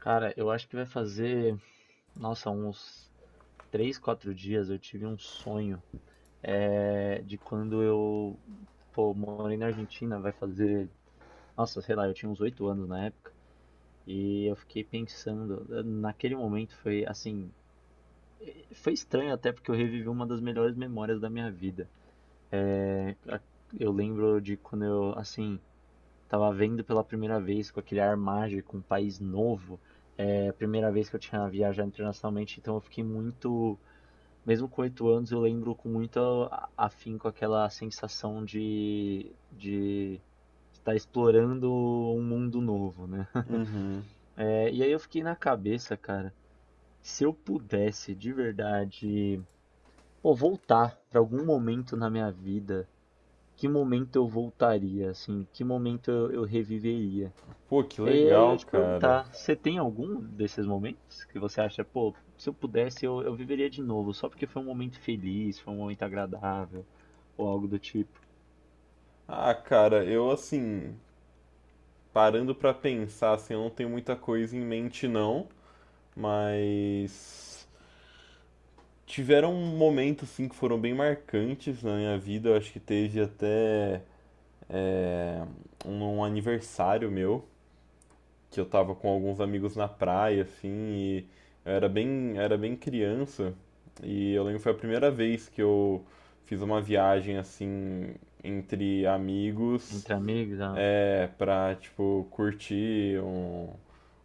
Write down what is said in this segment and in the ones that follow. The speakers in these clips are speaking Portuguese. Cara, eu acho que vai fazer, nossa, uns 3, 4 dias eu tive um sonho de quando eu, pô, morei na Argentina, vai fazer, nossa, sei lá, eu tinha uns 8 anos na época, e eu fiquei pensando, naquele momento foi assim, foi estranho até porque eu revivi uma das melhores memórias da minha vida. É, a- eu lembro de quando eu, assim, tava vendo pela primeira vez com aquele ar mágico, um país novo. É a primeira vez que eu tinha viajado internacionalmente, então eu fiquei muito. Mesmo com 8 anos, eu lembro com muito afinco aquela sensação de estar explorando um mundo novo, né? Uhum. E aí eu fiquei na cabeça, cara, se eu pudesse de verdade, pô, voltar pra algum momento na minha vida, que momento eu voltaria, assim, que momento eu reviveria? Pô, que E aí eu ia legal, te cara. perguntar, você tem algum desses momentos que você acha, pô, se eu pudesse eu viveria de novo, só porque foi um momento feliz, foi um momento agradável, ou algo do tipo? Ah, cara, eu assim, parando pra pensar, assim, eu não tenho muita coisa em mente não, mas tiveram momentos assim que foram bem marcantes na minha vida. Eu acho que teve até é, um aniversário meu, que eu tava com alguns amigos na praia, assim, e eu era bem criança, e eu lembro que foi a primeira vez que eu fiz uma viagem assim entre amigos. Entre amigos, ah, É, pra, tipo, curtir um,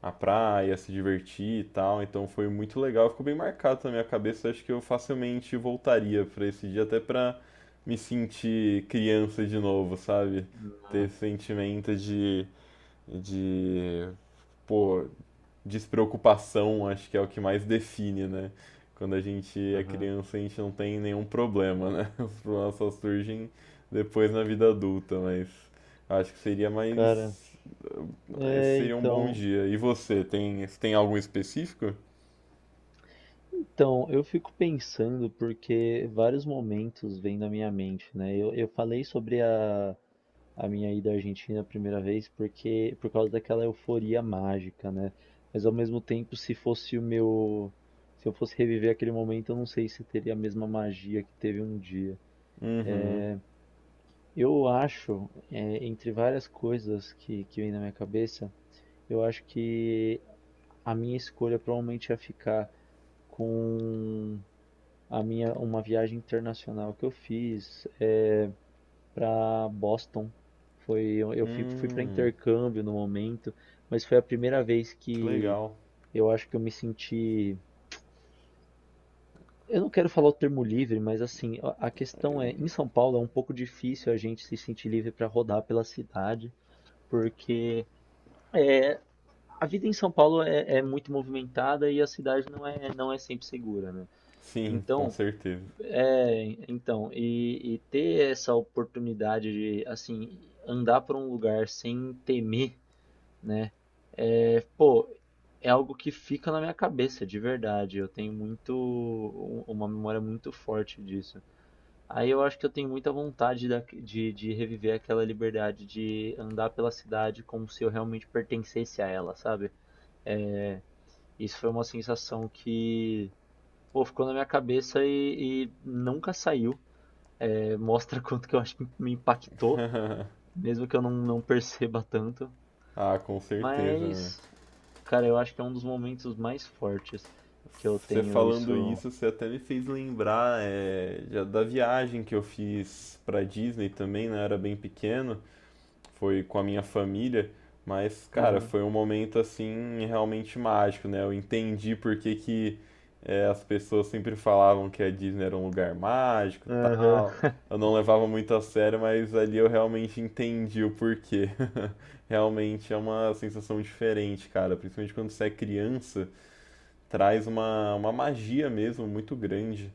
a praia, se divertir e tal. Então foi muito legal, ficou bem marcado na minha cabeça. Acho que eu facilmente voltaria pra esse dia, até pra me sentir criança de novo, sabe? Ter é, esse sentimento de, pô, despreocupação, acho que é o que mais define, né? Quando a gente é aham. criança, a gente não tem nenhum problema, né? Os problemas só surgem depois na vida adulta, mas acho que seria Cara, mais. Esse é, seria um bom então, dia. E você, tem, tem algum específico? então, eu fico pensando porque vários momentos vêm na minha mente, né? Eu falei sobre a minha ida à Argentina a primeira vez porque por causa daquela euforia mágica, né? Mas ao mesmo tempo, se eu fosse reviver aquele momento, eu não sei se teria a mesma magia que teve um dia. Uhum. Eu acho, entre várias coisas que vem na minha cabeça, eu acho que a minha escolha provavelmente ia ficar com a minha uma viagem internacional que eu fiz, para Boston. Foi, eu fui, fui para Hum, intercâmbio no momento, mas foi a primeira vez que que legal. eu acho que eu me senti. Eu não quero falar o termo livre, mas assim, a questão é, em São Paulo é um pouco difícil a gente se sentir livre para rodar pela cidade, porque a vida em São Paulo é muito movimentada e a cidade não é sempre segura, né? Sim, com Então, certeza. E ter essa oportunidade de, assim, andar por um lugar sem temer. Né. Pô, é algo que fica na minha cabeça, de verdade. Eu tenho muito u uma memória muito forte disso. Aí eu acho que eu tenho muita vontade da de reviver aquela liberdade de andar pela cidade como se eu realmente pertencesse a ela, sabe. Isso foi uma sensação que, pô, ficou na minha cabeça e nunca saiu. Mostra quanto que eu acho que me impactou, mesmo que eu não perceba tanto. Ah, com certeza, né? Mas cara, eu acho que é um dos momentos mais fortes que eu Você tenho falando isso. isso, você até me fez lembrar já da viagem que eu fiz pra Disney também, né? Eu era bem pequeno, foi com a minha família, mas, cara, Aham, foi um momento assim realmente mágico, né? Eu entendi por que que as pessoas sempre falavam que a Disney era um lugar mágico, aham. tal. Eu não levava muito a sério, mas ali eu realmente entendi o porquê. Realmente é uma sensação diferente, cara, principalmente quando você é criança traz uma magia mesmo muito grande.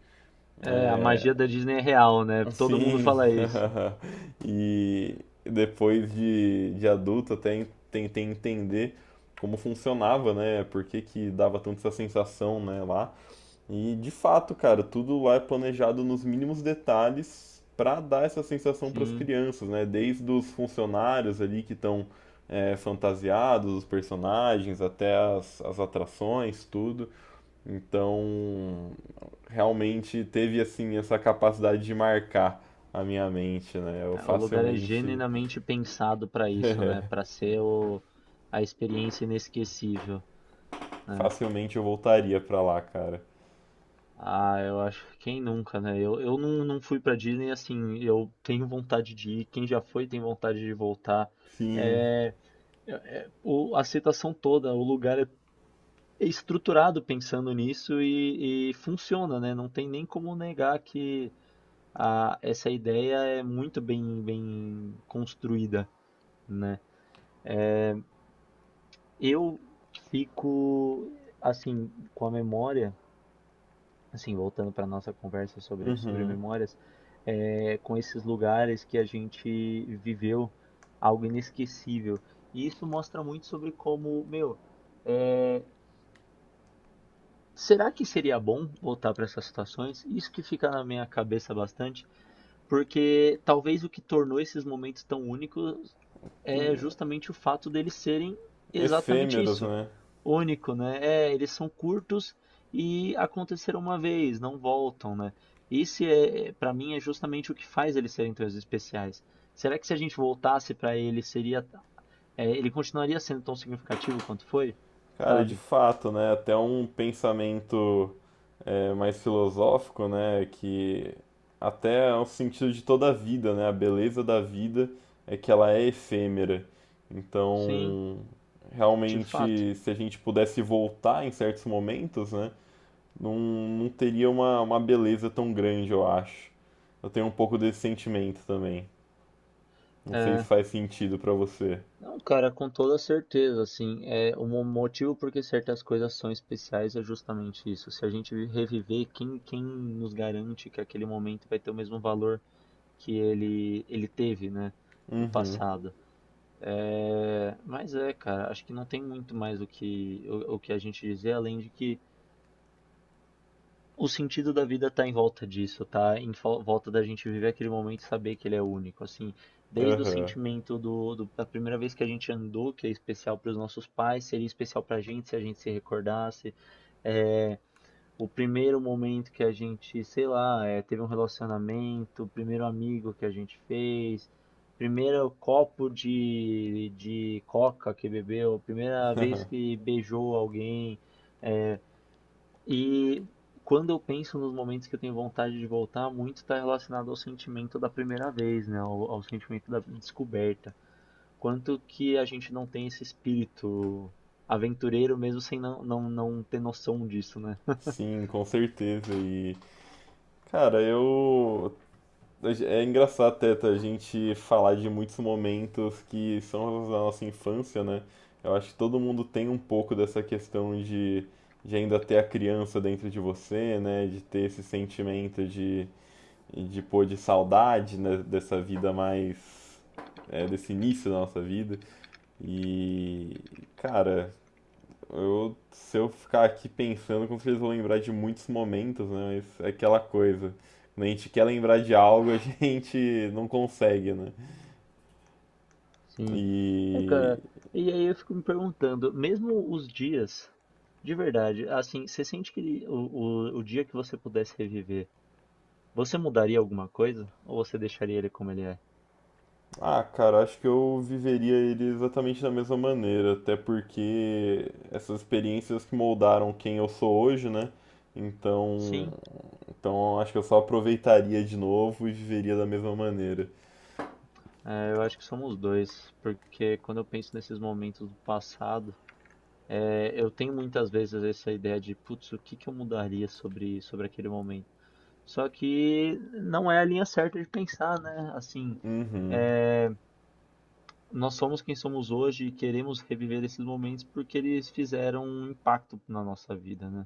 É, a É, magia da Disney é real, né? Todo mundo assim, fala isso. e depois de adulto até tentei entender como funcionava, né? Por que, que dava tanto essa sensação, né, lá. E de fato, cara, tudo lá é planejado nos mínimos detalhes para dar essa sensação para as Sim, crianças, né? Desde os funcionários ali que estão fantasiados, os personagens, até as, as atrações, tudo. Então, realmente teve assim essa capacidade de marcar a minha mente, né? Eu é, o lugar é facilmente, genuinamente pensado pra isso, né? A experiência inesquecível, né? facilmente eu voltaria pra lá, cara. Ah, eu acho que quem nunca, né? Eu não, Não fui pra Disney assim, eu tenho vontade de ir, quem já foi tem vontade de voltar. Sim. É, é- a citação toda, o lugar é estruturado pensando nisso e funciona, né? Não tem nem como negar que essa ideia é muito bem construída, né? Eu fico assim com a memória, assim voltando para nossa conversa sobre Uhum. memórias, é, com esses lugares que a gente viveu algo inesquecível. E isso mostra muito sobre como, meu, será que seria bom voltar para essas situações? Isso que fica na minha cabeça bastante. Porque talvez o que tornou esses momentos tão únicos é justamente o fato deles serem exatamente Efêmeros, isso, né? único, né? É, eles são curtos e aconteceram uma vez, não voltam, né? Para mim, é justamente o que faz eles serem tão especiais. Será que se a gente voltasse para ele, ele continuaria sendo tão significativo quanto foi? Cara, de Sabe? fato, né? Até um pensamento mais filosófico, né? Que até é o sentido de toda a vida, né? A beleza da vida é que ela é efêmera. Sim, Então, de fato. realmente, se a gente pudesse voltar em certos momentos, né? Não, não teria uma beleza tão grande, eu acho. Eu tenho um pouco desse sentimento também. Não sei se É, faz sentido pra você. Não, cara, com toda certeza, assim, é o motivo porque certas coisas são especiais é justamente isso. Se a gente reviver, quem nos garante que aquele momento vai ter o mesmo valor que ele teve, né, no Uhum, passado? É, mas é, cara, acho que não tem muito mais o que, o que a gente dizer, além de que o sentido da vida tá em volta disso, tá em fol volta da gente viver aquele momento e saber que ele é único, assim. Desde o aham. sentimento do do da primeira vez que a gente andou, que é especial para os nossos pais, seria especial pra gente se a gente se recordasse. Eh, o primeiro momento que a gente, sei lá, teve um relacionamento, o primeiro amigo que a gente fez, primeiro copo de coca que bebeu, primeira vez que beijou alguém. E quando eu penso nos momentos que eu tenho vontade de voltar, muito está relacionado ao sentimento da primeira vez, né? Ao sentimento da descoberta. Quanto que a gente não tem esse espírito aventureiro mesmo sem não ter noção disso, né? Sim, com certeza. E, cara, eu é engraçado até tá, a gente falar de muitos momentos que são relacionados à nossa infância, né? Eu acho que todo mundo tem um pouco dessa questão de ainda ter a criança dentro de você, né? De ter esse sentimento de pô, de saudade, né? Dessa vida mais. É, desse início da nossa vida. E, cara, eu, se eu ficar aqui pensando, com certeza eu vou lembrar de muitos momentos, né? Mas é aquela coisa. Quando a gente quer lembrar de algo, a gente não consegue, né? Sim. É, E. cara, e aí eu fico me perguntando, mesmo os dias, de verdade, assim, você sente que o dia que você pudesse reviver, você mudaria alguma coisa? Ou você deixaria ele como ele é? Ah, cara, acho que eu viveria ele exatamente da mesma maneira, até porque essas experiências que moldaram quem eu sou hoje, né? Então. Sim, Então acho que eu só aproveitaria de novo e viveria da mesma maneira. é, eu acho que somos dois, porque quando eu penso nesses momentos do passado, é, eu tenho muitas vezes essa ideia de, putz, o que que eu mudaria sobre aquele momento? Só que não é a linha certa de pensar, né? Assim, Uhum. nós somos quem somos hoje e queremos reviver esses momentos porque eles fizeram um impacto na nossa vida, né?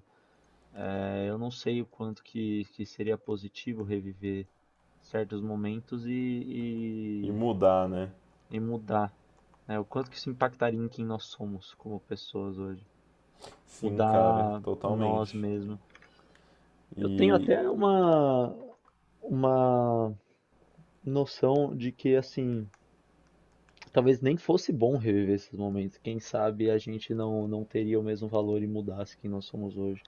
É, eu não sei o quanto que seria positivo reviver certos momentos E mudar, né? e mudar, né? O quanto que isso impactaria em quem nós somos como pessoas hoje? Sim, cara, Mudar nós totalmente. mesmos. Eu tenho E, até uma noção de que assim, talvez nem fosse bom reviver esses momentos. Quem sabe a gente não teria o mesmo valor e mudasse quem nós somos hoje.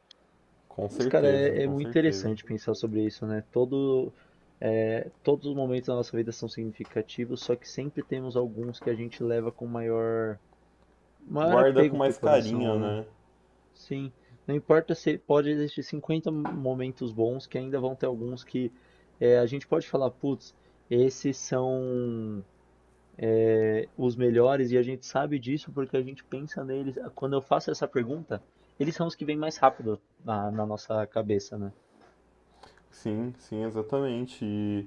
com Mas, cara, certeza, é com muito certeza. interessante pensar sobre isso, né? Todos os momentos da nossa vida são significativos, só que sempre temos alguns que a gente leva com maior Guarda com apego pro mais coração, carinho, né? né? Sim, não importa se pode existir 50 momentos bons, que ainda vão ter alguns que a gente pode falar, putz, esses são os melhores e a gente sabe disso porque a gente pensa neles. Quando eu faço essa pergunta, eles são os que vêm mais rápido na, na nossa cabeça, né? Sim, sim, exatamente. E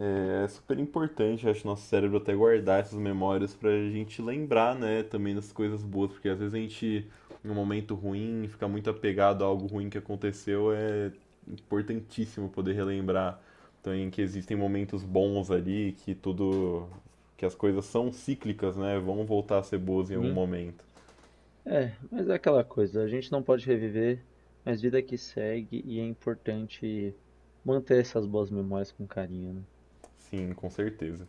é super importante, acho, nosso cérebro até guardar essas memórias pra gente lembrar, né, também das coisas boas, porque às vezes a gente, em um momento ruim, fica muito apegado a algo ruim que aconteceu, é importantíssimo poder relembrar também que existem momentos bons ali, que tudo, que as coisas são cíclicas, né, vão voltar a ser boas em algum Sim. momento. É, mas é aquela coisa, a gente não pode reviver, mas vida que segue e é importante manter essas boas memórias com carinho, né? Sim, com certeza.